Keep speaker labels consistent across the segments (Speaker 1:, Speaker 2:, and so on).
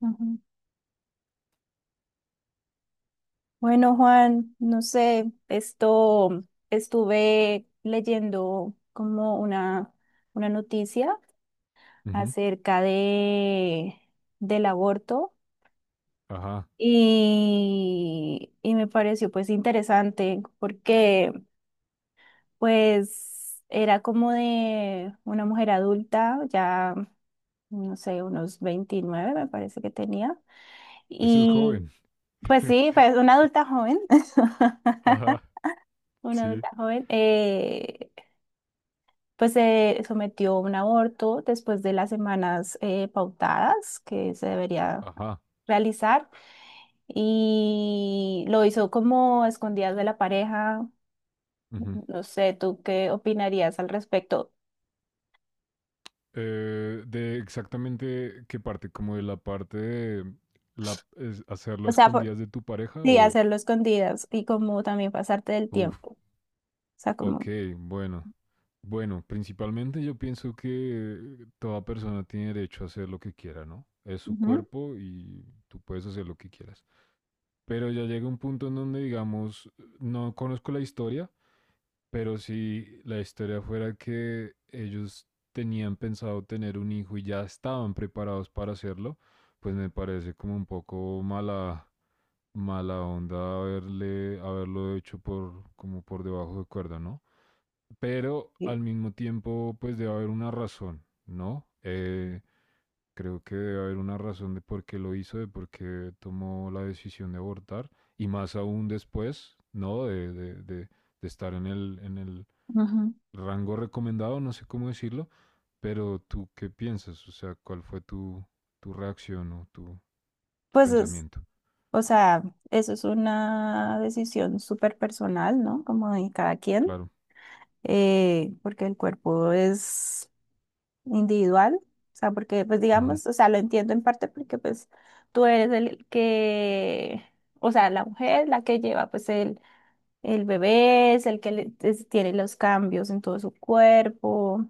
Speaker 1: Ujú. Bueno, Juan, no sé, esto estuve leyendo como una noticia
Speaker 2: Ujú.
Speaker 1: acerca de del aborto
Speaker 2: Ajá.
Speaker 1: y me pareció pues interesante porque pues era como de una mujer adulta, ya no sé, unos 29 me parece que tenía
Speaker 2: Eso es
Speaker 1: y
Speaker 2: joven.
Speaker 1: pues sí, pues una adulta joven.
Speaker 2: Ajá.
Speaker 1: Una
Speaker 2: Sí.
Speaker 1: adulta joven, pues se sometió a un aborto después de las semanas pautadas que se debería
Speaker 2: Ajá.
Speaker 1: realizar y lo hizo como a escondidas de la pareja.
Speaker 2: Ujú.
Speaker 1: No sé, ¿tú qué opinarías al respecto?
Speaker 2: De exactamente qué parte, como de la parte de la, hacerlo a
Speaker 1: O sea, por-
Speaker 2: escondidas de tu pareja
Speaker 1: sí,
Speaker 2: o...
Speaker 1: hacerlo escondidas y como también pasarte del
Speaker 2: Uf,
Speaker 1: tiempo. Sea,
Speaker 2: ok,
Speaker 1: como...
Speaker 2: bueno. Bueno, principalmente yo pienso que toda persona tiene derecho a hacer lo que quiera, ¿no? Es su
Speaker 1: Ujú,
Speaker 2: cuerpo y tú puedes hacer lo que quieras. Pero ya llega un punto en donde, digamos, no conozco la historia, pero si la historia fuera que ellos tenían pensado tener un hijo y ya estaban preparados para hacerlo, pues me parece como un poco mala, mala onda haberle, haberlo hecho por, como por debajo de cuerda, ¿no? Pero al mismo tiempo, pues debe haber una razón, ¿no? Creo que debe haber una razón de por qué lo hizo, de por qué tomó la decisión de abortar, y más aún después, ¿no? De estar en el
Speaker 1: ujú.
Speaker 2: rango recomendado, no sé cómo decirlo, pero tú qué piensas, o sea, cuál fue tu, tu reacción o tu
Speaker 1: Pues es,
Speaker 2: pensamiento.
Speaker 1: o sea, Eso es una decisión súper personal, ¿no? Como de cada quien.
Speaker 2: Claro,
Speaker 1: Porque el cuerpo es individual, o sea, porque pues
Speaker 2: ujú,
Speaker 1: digamos, o sea, lo entiendo en parte porque pues tú eres el que, o sea, la mujer, la que lleva pues el bebé, es el que le- es- tiene los cambios en todo su cuerpo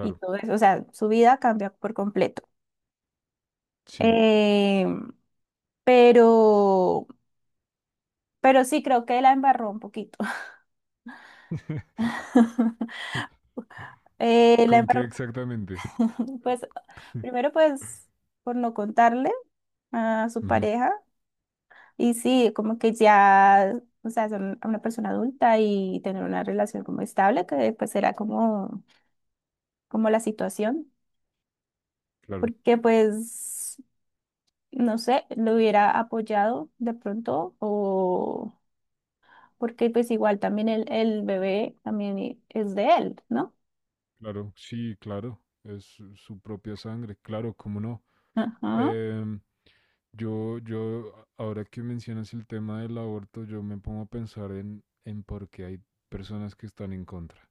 Speaker 1: y todo eso, o sea, su vida cambia por completo.
Speaker 2: sí.
Speaker 1: Eh, pero, pero sí creo que la embarró un poquito. La
Speaker 2: ¿Con qué
Speaker 1: embarró.
Speaker 2: exactamente?
Speaker 1: Pues primero, pues por no contarle a su
Speaker 2: Ujú,
Speaker 1: pareja. Y sí, como que ya, o sea, son una persona adulta y tener una relación como estable, que pues era como, como la situación,
Speaker 2: claro.
Speaker 1: porque pues, no sé, lo hubiera apoyado de pronto, o porque pues igual también el bebé también es de él, ¿no?
Speaker 2: Claro, sí, claro, es su propia sangre, claro, cómo no.
Speaker 1: Ajá.
Speaker 2: Em, ahora que mencionas el tema del aborto, yo me pongo a pensar en por qué hay personas que están en contra.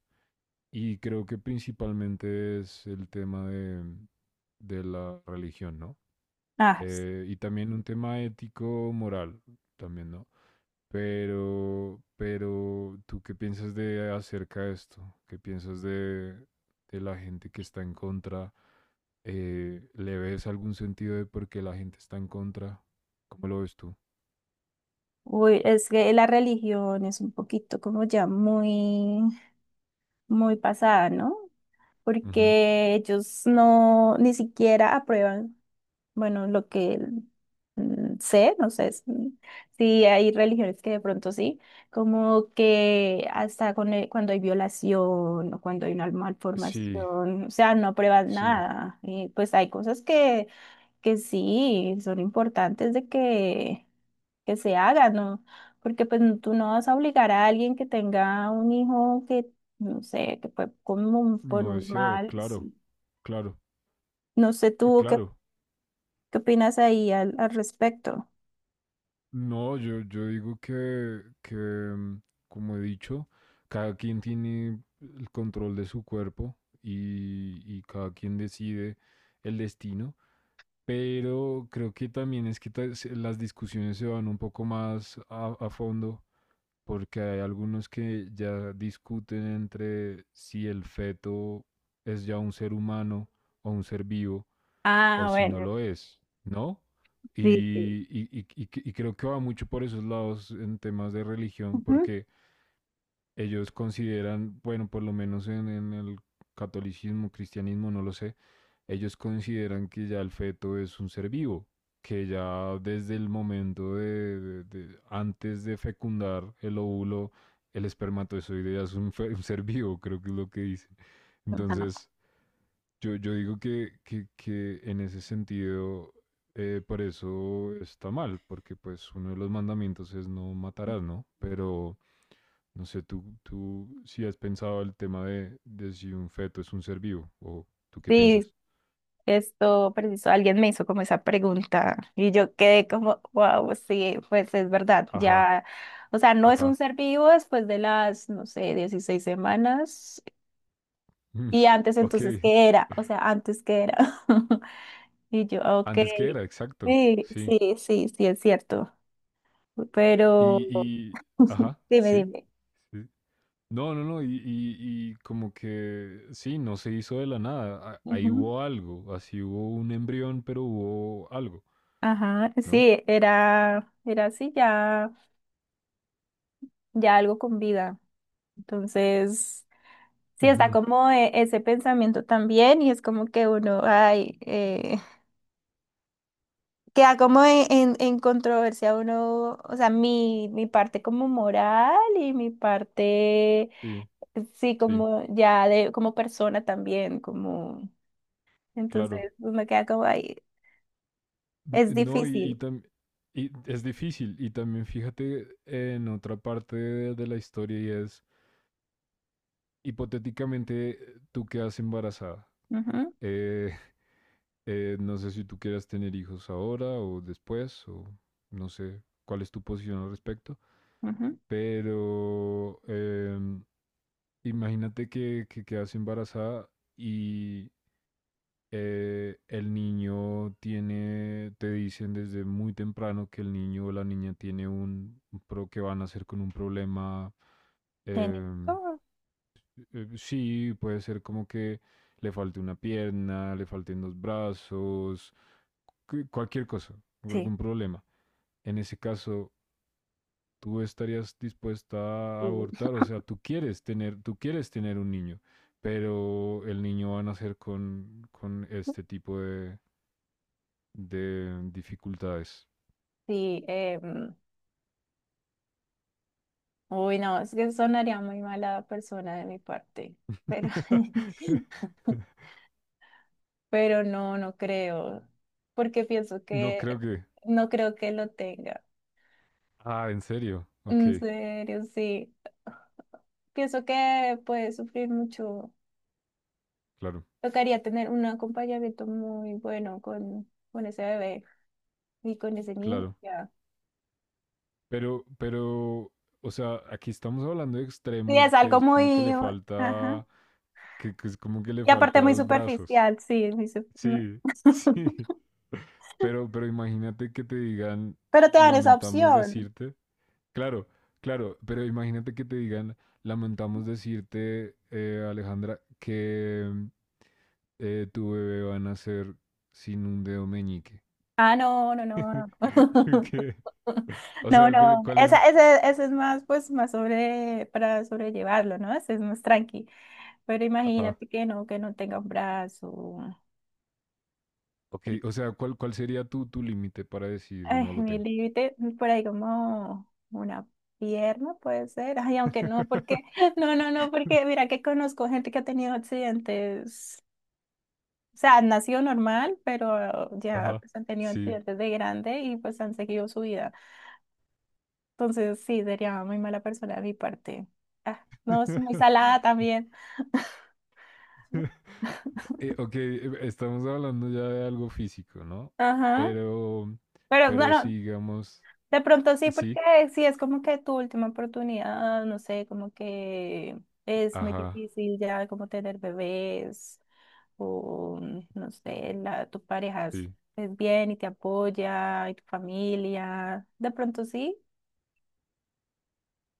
Speaker 2: Y creo que principalmente es el tema de la religión, ¿no?
Speaker 1: Ah, es-
Speaker 2: Y también un tema ético, moral, también, ¿no? Pero, ¿tú qué piensas de acerca de esto? ¿Qué piensas de la gente que está en contra? ¿Le ves algún sentido de por qué la gente está en contra? ¿Cómo lo ves tú?
Speaker 1: Uy, es que la religión es un poquito como ya muy pasada, ¿no?
Speaker 2: Ujú.
Speaker 1: Porque ellos no ni siquiera aprueban, bueno, lo que mm, sé, no sé si hay religiones que de pronto sí, como que hasta con cuando hay violación o cuando hay una
Speaker 2: Sí,
Speaker 1: malformación, o sea, no aprueban
Speaker 2: sí,
Speaker 1: nada. Y pues hay cosas que sí son importantes de que se hagan, ¿no? Porque pues tú no vas a obligar a alguien que tenga un hijo que no sé, que fue como por
Speaker 2: no
Speaker 1: un
Speaker 2: deseado,
Speaker 1: mal,
Speaker 2: claro,
Speaker 1: sí.
Speaker 2: claro,
Speaker 1: No sé tú qué,
Speaker 2: claro.
Speaker 1: qué opinas ahí al, al respecto.
Speaker 2: No, yo digo que, como he dicho, cada quien tiene el control de su cuerpo y cada quien decide el destino. Pero creo que también es que las discusiones se van un poco más a fondo, porque hay algunos que ya discuten entre si el feto es ya un ser humano o un ser vivo, o
Speaker 1: Ah,
Speaker 2: si no
Speaker 1: bueno,
Speaker 2: lo es, ¿no?
Speaker 1: sí, sí.
Speaker 2: Y creo que va mucho por esos lados en temas de religión,
Speaker 1: Ujú.
Speaker 2: porque ellos consideran, bueno, por lo menos en el catolicismo, cristianismo, no lo sé, ellos consideran que ya el feto es un ser vivo, que ya desde el momento de, antes de fecundar el óvulo, el espermatozoide ya es un, un ser vivo, creo que es lo que dicen.
Speaker 1: Ajá, no.
Speaker 2: Entonces, yo digo que, que en ese sentido, por eso está mal, porque pues uno de los mandamientos es no matarás, ¿no? Pero no sé, tú si has pensado el tema de si un feto es un ser vivo, o tú qué
Speaker 1: Sí,
Speaker 2: piensas.
Speaker 1: esto preciso, alguien me hizo como esa pregunta y yo quedé como, wow, sí, pues es verdad,
Speaker 2: Ajá,
Speaker 1: ya, o sea, no es un
Speaker 2: ajá.
Speaker 1: ser vivo después de las, no sé, 16 semanas
Speaker 2: Mm,
Speaker 1: y antes
Speaker 2: Ok.
Speaker 1: entonces, ¿qué era? O sea, antes, ¿qué era? Y yo, ok,
Speaker 2: Antes que era, exacto.
Speaker 1: sí,
Speaker 2: Sí.
Speaker 1: sí, sí, sí, es cierto, pero
Speaker 2: Y, y, ajá,
Speaker 1: dime,
Speaker 2: sí.
Speaker 1: dime.
Speaker 2: Sí. No, no, no. Y como que, sí, no se hizo de la nada. Ahí hubo algo. Así hubo un embrión, pero hubo algo,
Speaker 1: Ajá,
Speaker 2: ¿no?
Speaker 1: sí, era así, ya, ya algo con vida. Entonces sí, está
Speaker 2: Ujú,
Speaker 1: como ese pensamiento también y es como que uno, ay, queda como en controversia uno, o sea, mi parte como moral y mi parte,
Speaker 2: sí,
Speaker 1: sí,
Speaker 2: sí,
Speaker 1: como ya de, como persona también, como,
Speaker 2: claro.
Speaker 1: entonces uno queda como, ay, es
Speaker 2: No, y,
Speaker 1: difícil.
Speaker 2: y es difícil. Y también fíjate en otra parte de la historia y es, hipotéticamente, tú quedas embarazada.
Speaker 1: Ujú,
Speaker 2: Eh, no sé si tú quieras tener hijos ahora o después, o no sé cuál es tu posición al respecto,
Speaker 1: ujú.
Speaker 2: pero imagínate que quedas embarazada y el niño tiene, te dicen desde muy temprano que el niño o la niña tiene un, pro que van a hacer con un problema. eh,
Speaker 1: Genético.
Speaker 2: sí, puede ser como que le falte una pierna, le falten dos brazos, cualquier cosa, o
Speaker 1: Sí.
Speaker 2: algún problema. En ese caso, tú estarías dispuesta a
Speaker 1: Sí,
Speaker 2: abortar, o sea, tú quieres tener un niño, pero el niño va a nacer con este tipo de dificultades.
Speaker 1: sí, uy, no, es que sonaría muy mala persona de mi parte, pero pero no, no creo, porque pienso
Speaker 2: No creo
Speaker 1: que
Speaker 2: que.
Speaker 1: no creo que lo tenga.
Speaker 2: Ah, ¿en serio? Ok,
Speaker 1: En serio, sí. Pienso que puede sufrir mucho.
Speaker 2: claro,
Speaker 1: Tocaría tener un acompañamiento muy bueno con ese bebé y con ese niño.
Speaker 2: claro.
Speaker 1: Ya.
Speaker 2: Pero, o sea, aquí estamos hablando de
Speaker 1: Sí,
Speaker 2: extremos
Speaker 1: es
Speaker 2: que
Speaker 1: algo
Speaker 2: es como que
Speaker 1: muy...
Speaker 2: le
Speaker 1: Ajá.
Speaker 2: falta. Que es como que le
Speaker 1: Y
Speaker 2: falta
Speaker 1: aparte muy
Speaker 2: dos brazos.
Speaker 1: superficial, sí.
Speaker 2: Sí, sí. Pero imagínate que te digan,
Speaker 1: Pero te dan esa
Speaker 2: lamentamos
Speaker 1: opción.
Speaker 2: decirte. Claro, claro, pero imagínate que te digan, lamentamos decirte, Alejandra, que tu bebé va a nacer sin un dedo meñique.
Speaker 1: Ah, no, no, no.
Speaker 2: ¿Qué? O
Speaker 1: No,
Speaker 2: sea, ¿cuál,
Speaker 1: no.
Speaker 2: cuál es?
Speaker 1: Ese, ese es más, pues, más sobre, para sobrellevarlo, ¿no? Ese es más tranqui. Pero
Speaker 2: Ajá.
Speaker 1: imagínate que no tenga un brazo.
Speaker 2: Ok,
Speaker 1: Y,
Speaker 2: o sea, ¿cuál, cuál sería tu, tu límite para decir
Speaker 1: ay,
Speaker 2: no lo
Speaker 1: mi
Speaker 2: tengo?
Speaker 1: límite, por ahí como una pierna puede ser. Ay, aunque no, porque no, no, no, porque mira que conozco gente que ha tenido accidentes. O sea, nació normal, pero ya
Speaker 2: Ajá,
Speaker 1: pues, han tenido
Speaker 2: sí.
Speaker 1: accidentes de grande y pues han seguido su vida. Entonces sí, sería muy mala persona de mi parte. Ah, no, es muy salada también.
Speaker 2: Ok, estamos hablando ya de algo físico, ¿no?
Speaker 1: Ajá.
Speaker 2: Pero,
Speaker 1: Pero no, no,
Speaker 2: sí, digamos,
Speaker 1: de pronto sí, porque
Speaker 2: sí,
Speaker 1: sí es como que tu última oportunidad, no sé, como que es muy
Speaker 2: ajá,
Speaker 1: difícil ya como tener bebés o no sé, la, tu pareja
Speaker 2: sí,
Speaker 1: es bien y te apoya y tu familia. De pronto sí.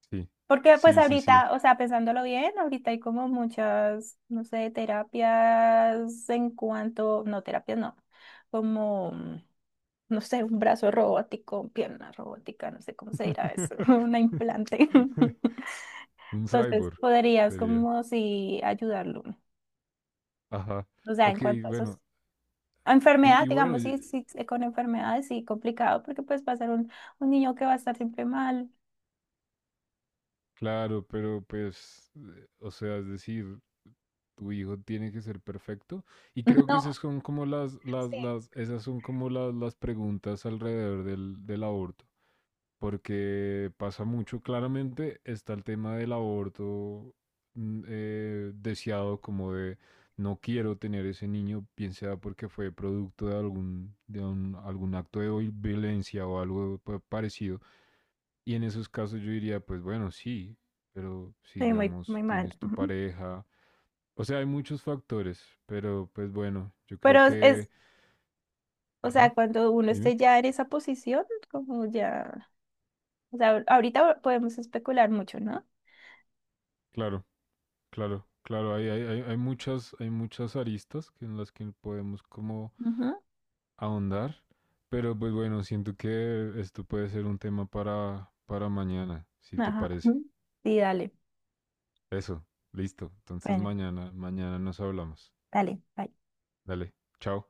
Speaker 2: sí,
Speaker 1: Porque pues
Speaker 2: sí, sí, sí.
Speaker 1: ahorita, o sea, pensándolo bien, ahorita hay como muchas, no sé, terapias en cuanto, no, terapias no, como, no sé, un brazo robótico, pierna robótica, no sé cómo se dirá eso, una implante.
Speaker 2: Un
Speaker 1: Entonces
Speaker 2: cyborg
Speaker 1: podrías
Speaker 2: sería.
Speaker 1: como si ayudarlo,
Speaker 2: Ajá.
Speaker 1: o sea,
Speaker 2: Ok,
Speaker 1: en cuanto a esos...
Speaker 2: bueno.
Speaker 1: A enfermedad,
Speaker 2: Y bueno,
Speaker 1: digamos, sí, sí, sí, con enfermedades sí complicado, porque pues va a ser un niño que va a estar siempre mal.
Speaker 2: claro, pero pues, o sea, es decir, tu hijo tiene que ser perfecto. Y creo que
Speaker 1: No,
Speaker 2: esas son como
Speaker 1: sí,
Speaker 2: esas son como las preguntas alrededor del, del aborto. Porque pasa mucho. Claramente está el tema del aborto deseado, como de no quiero tener ese niño, bien sea porque fue producto de algún, algún acto de violencia o algo parecido. Y en esos casos yo diría, pues bueno, sí, pero
Speaker 1: sí, muy,
Speaker 2: sigamos,
Speaker 1: muy mal.
Speaker 2: tienes tu
Speaker 1: Ujú.
Speaker 2: pareja. O sea, hay muchos factores, pero pues bueno, yo creo
Speaker 1: Pero es,
Speaker 2: que...
Speaker 1: o
Speaker 2: Ajá,
Speaker 1: sea, cuando uno
Speaker 2: dime.
Speaker 1: esté ya en esa posición, como ya, o sea, ahorita podemos especular mucho, ¿no?
Speaker 2: Claro. Claro, claro, hay muchas, hay muchas aristas que en las que podemos como
Speaker 1: Ujú,
Speaker 2: ahondar, pero pues bueno, siento que esto puede ser un tema para mañana, si te
Speaker 1: ajá.
Speaker 2: parece.
Speaker 1: Ujú. Sí, dale.
Speaker 2: Eso, listo. Entonces
Speaker 1: Bueno,
Speaker 2: mañana, mañana nos hablamos.
Speaker 1: dale. Bye.
Speaker 2: Dale, chao.